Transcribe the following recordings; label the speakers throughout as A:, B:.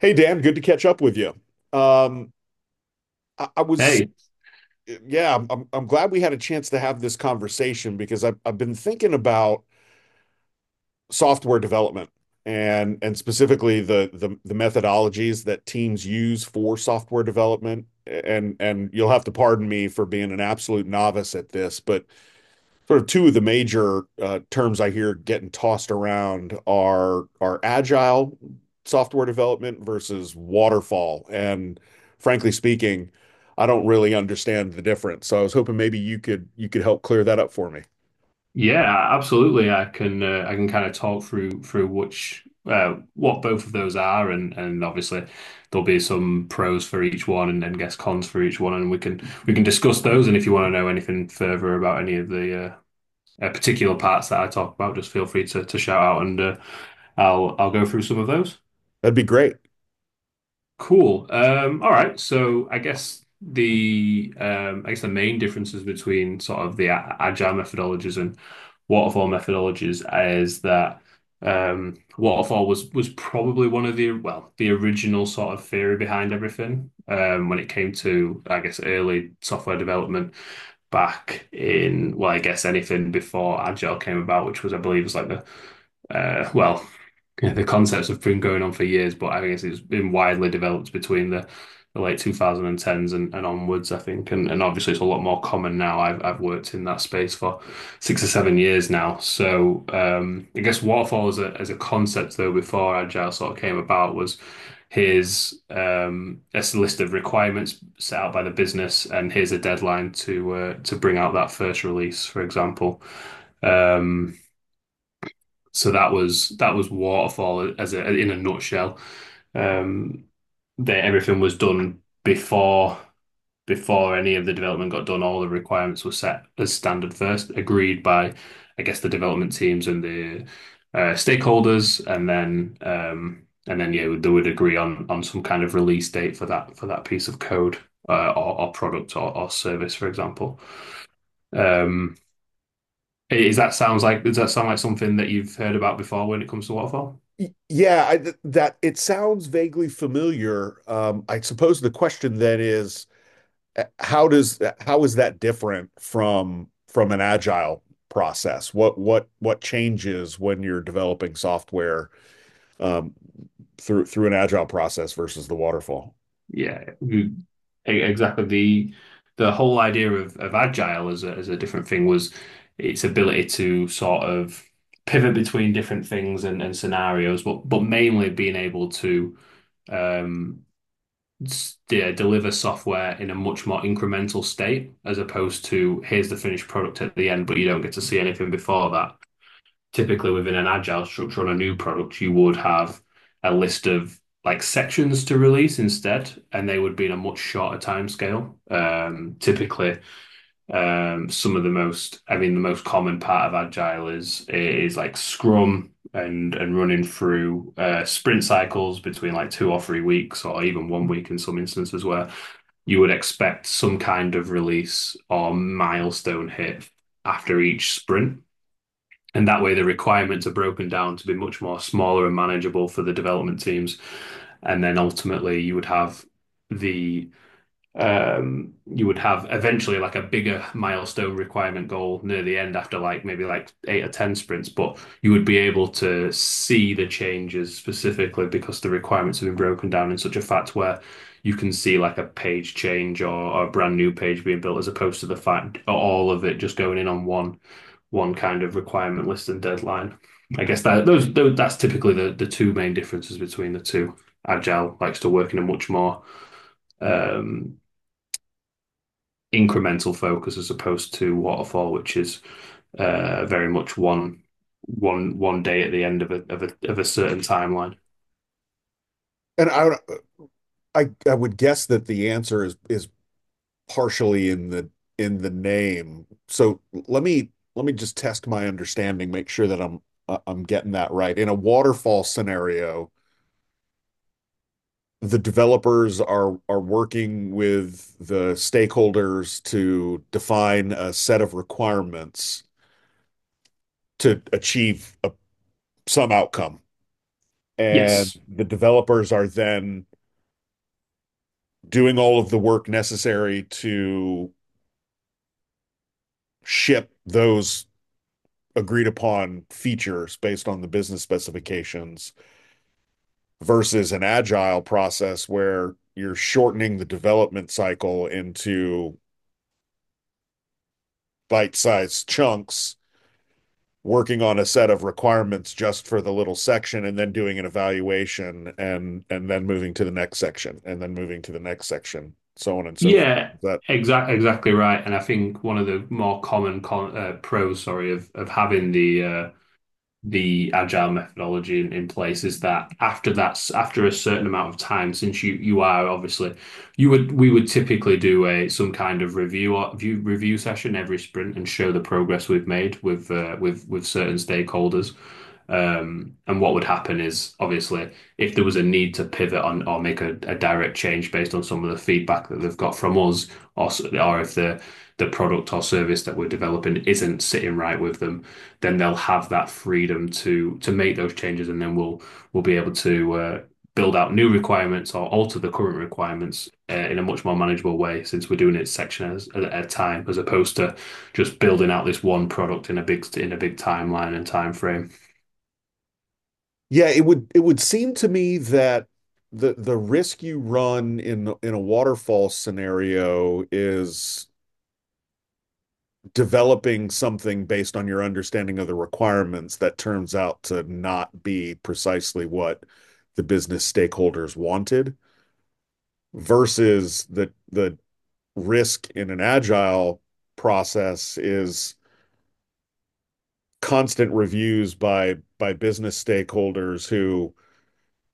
A: Hey Dan, good to catch up with you. Um, I was,
B: Hey,
A: yeah, I'm glad we had a chance to have this conversation because I've been thinking about software development, and specifically the methodologies that teams use for software development. And you'll have to pardon me for being an absolute novice at this, but sort of two of the major terms I hear getting tossed around are agile software development versus waterfall. And frankly speaking, I don't really understand the difference. So I was hoping maybe you could help clear that up for me.
B: yeah, absolutely. I can kind of talk through which what both of those are, and obviously there'll be some pros for each one, and then guess cons for each one, and we can discuss those. And if you want to know anything further about any of the particular parts that I talk about, just feel free to shout out, and I'll go through some of those.
A: That'd be great.
B: Cool. All right. So I guess the main differences between sort of the agile methodologies and waterfall methodologies is that waterfall was probably one of the well the original sort of theory behind everything when it came to I guess early software development back in well I guess anything before agile came about, which was I believe was like the uh, well. Yeah, the concepts have been going on for years, but I guess it's been widely developed between the late 2010s and onwards, I think. And obviously, it's a lot more common now. I've worked in that space for 6 or 7 years now. So I guess waterfall as as a concept, though, before Agile sort of came about, was here's a list of requirements set out by the business, and here's a deadline to bring out that first release, for example. Um, so that was Waterfall as a, in a nutshell. Um, Everything was done before any of the development got done. All the requirements were set as standard first, agreed by, I guess, the development teams and the stakeholders, and then yeah, they would agree on some kind of release date for that piece of code or product or service, for example. Um, is that sounds like Does that sound like something that you've heard about before when it comes to waterfall?
A: Yeah, that it sounds vaguely familiar. I suppose the question then is, how is that different from an agile process? What changes when you're developing software um, through an agile process versus the waterfall?
B: Yeah, you- exactly. The whole idea of agile as a different thing was its ability to sort of pivot between different things and scenarios, but mainly being able to um, deliver software in a much more incremental state as opposed to here's the finished product at the end, but you don't get to see anything before that. Typically within an agile structure on a new product, you would have a list of like sections to release instead, and they would be in a much shorter timescale. Some of the most, I mean, the most common part of agile is like Scrum and running through sprint cycles between like 2 or 3 weeks, or even 1 week in some instances where you would expect some kind of release or milestone hit after each sprint. And that way, the requirements are broken down to be much more smaller and manageable for the development teams. And then ultimately, you would have the you would have eventually like a bigger milestone requirement goal near the end after like maybe like 8 or 10 sprints, but you would be able to see the changes specifically because the requirements have been broken down in such a fact where you can see like a page change or a brand new page being built as opposed to the fact all of it just going in on one one kind of requirement list and deadline. I guess that those that's typically the two main differences between the two. Agile likes to work in a much more um, incremental focus as opposed to waterfall, which is very much one day at the end of a of a of a certain timeline.
A: And I would guess that the answer is partially in the name. So let me just test my understanding, make sure that I'm getting that right. In a waterfall scenario, the developers are working with the stakeholders to define a set of requirements to achieve a, some outcome. And
B: Yes.
A: the developers are then doing all of the work necessary to ship those agreed upon features based on the business specifications versus an agile process where you're shortening the development cycle into bite-sized chunks, working on a set of requirements just for the little section, and then doing an evaluation, and then moving to the next section, and then moving to the next section, so on and so forth.
B: Yeah.
A: that
B: Exactly, exactly right. And I think one of the more common con pros, sorry, of having the agile methodology in place is that after that's after a certain amount of time since you are obviously you would we would typically do a some kind of review session every sprint and show the progress we've made with with certain stakeholders, and what would happen is obviously if there was a need to pivot on or make a direct change based on some of the feedback that they've got from us or if the the product or service that we're developing isn't sitting right with them, then they'll have that freedom to make those changes, and then we'll be able to build out new requirements or alter the current requirements in a much more manageable way, since we're doing it at a time, as opposed to just building out this one product in a big timeline and time frame.
A: yeah it would, it would seem to me that the risk you run in a waterfall scenario is developing something based on your understanding of the requirements that turns out to not be precisely what the business stakeholders wanted versus the risk in an agile process is constant reviews by business stakeholders. Who,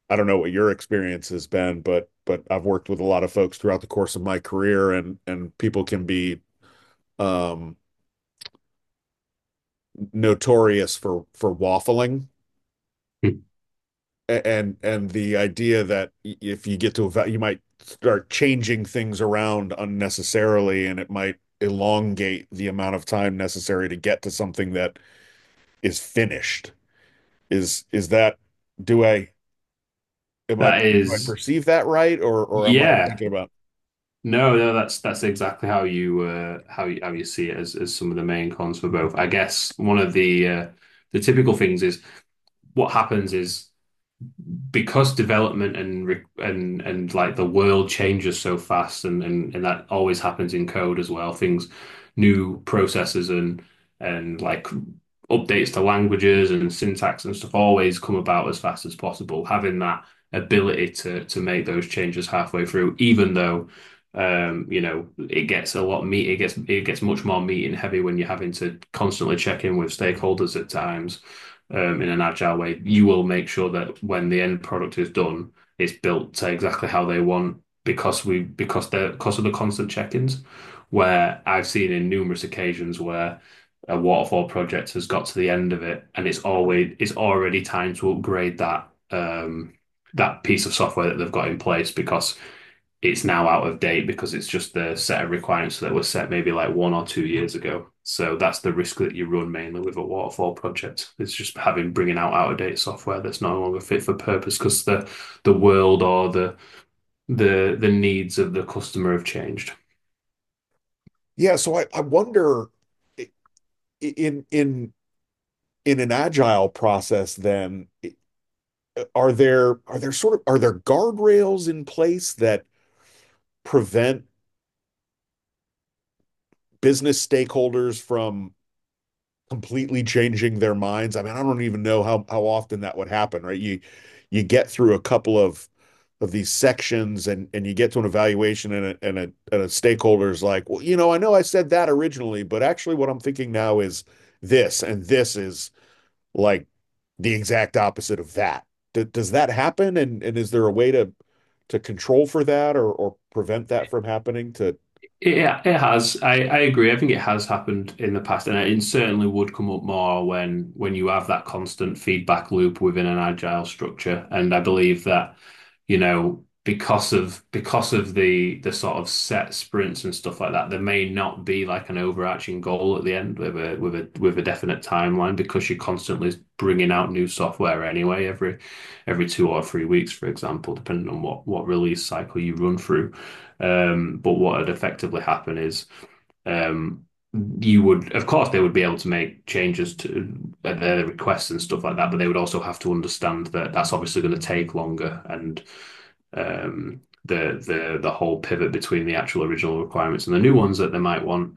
A: I don't know what your experience has been, but I've worked with a lot of folks throughout the course of my career, and people can be um notorious for waffling, and the idea that if you get to you might start changing things around unnecessarily, and it might elongate the amount of time necessary to get to something that is finished. Is that do I am I
B: That
A: do I
B: is,
A: perceive that right, or am I
B: yeah,
A: thinking about,
B: no, No, that's exactly how you how you see it as some of the main cons for both. I guess one of the typical things is what happens is because development and like the world changes so fast and and, that always happens in code as well, things, new processes and and like updates to languages and syntax and stuff always come about as fast as possible. Having that ability to make those changes halfway through, even though it gets a lot meat, it gets much more meat and heavy when you're having to constantly check in with stakeholders at times. In an agile way, you will make sure that when the end product is done, it's built to exactly how they want because we because the because of the constant check-ins. Where I've seen in numerous occasions where a waterfall project has got to the end of it and it's already time to upgrade that that piece of software that they've got in place because it's now out of date because it's just the set of requirements that were set maybe like 1 or 2 years ago. So that's the risk that you run mainly with a waterfall project. It's just having bringing out out of date software that's no longer fit for purpose because the world or the needs of the customer have changed.
A: yeah, so I wonder, i- in in an agile process, are there, are there sort of, are there guardrails in place that prevent business stakeholders from completely changing their minds? I mean, I don't even know how often that would happen, right? You get through a couple of these sections and you get to an evaluation, and a stakeholder's like, well, you know I said that originally, but actually what I'm thinking now is this, and this is like the exact opposite of that. D Does that happen? And is there a way to control for that, or prevent that from happening to,
B: It has. I agree. I think it has happened in the past, and it certainly would come up more when you have that constant feedback loop within an agile structure. And I believe that, you know, because of the sort of set sprints and stuff like that, there may not be like an overarching goal at the end with a with a with a definite timeline because you're constantly bringing out new software anyway every 2 or 3 weeks, for example, depending on what release cycle you run through. But what had effectively happened is um, you would, of course, they would be able to make changes to their requests and stuff like that, but they would also have to understand that that's obviously going to take longer and, the whole pivot between the actual original requirements and the new ones that they might want,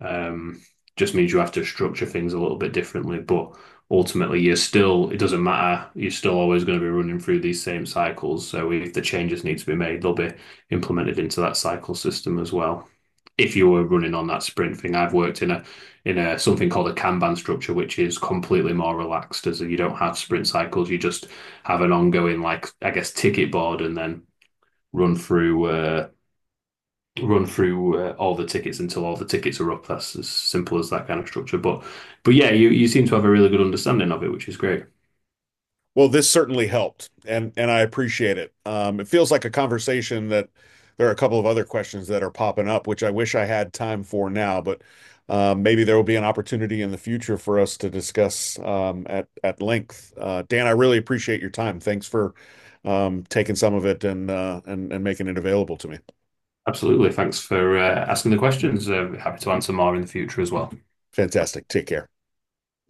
B: um, just means you have to structure things a little bit differently. But ultimately, it doesn't matter. You're still always going to be running through these same cycles. So if the changes need to be made, they'll be implemented into that cycle system as well. If you were running on that sprint thing, I've worked in a something called a Kanban structure, which is completely more relaxed, as you don't have sprint cycles. You just have an ongoing, like I guess, ticket board, and then run through uh, run through all the tickets until all the tickets are up. That's as simple as that kind of structure. But yeah, you seem to have a really good understanding of it, which is great.
A: well, this certainly helped, and I appreciate it. It feels like a conversation that there are a couple of other questions that are popping up, which I wish I had time for now, but maybe there will be an opportunity in the future for us to discuss, at length. Dan, I really appreciate your time. Thanks for taking some of it and making it available to me.
B: Absolutely. Thanks for asking the questions. Happy to answer more in the future as well.
A: Fantastic. Take care.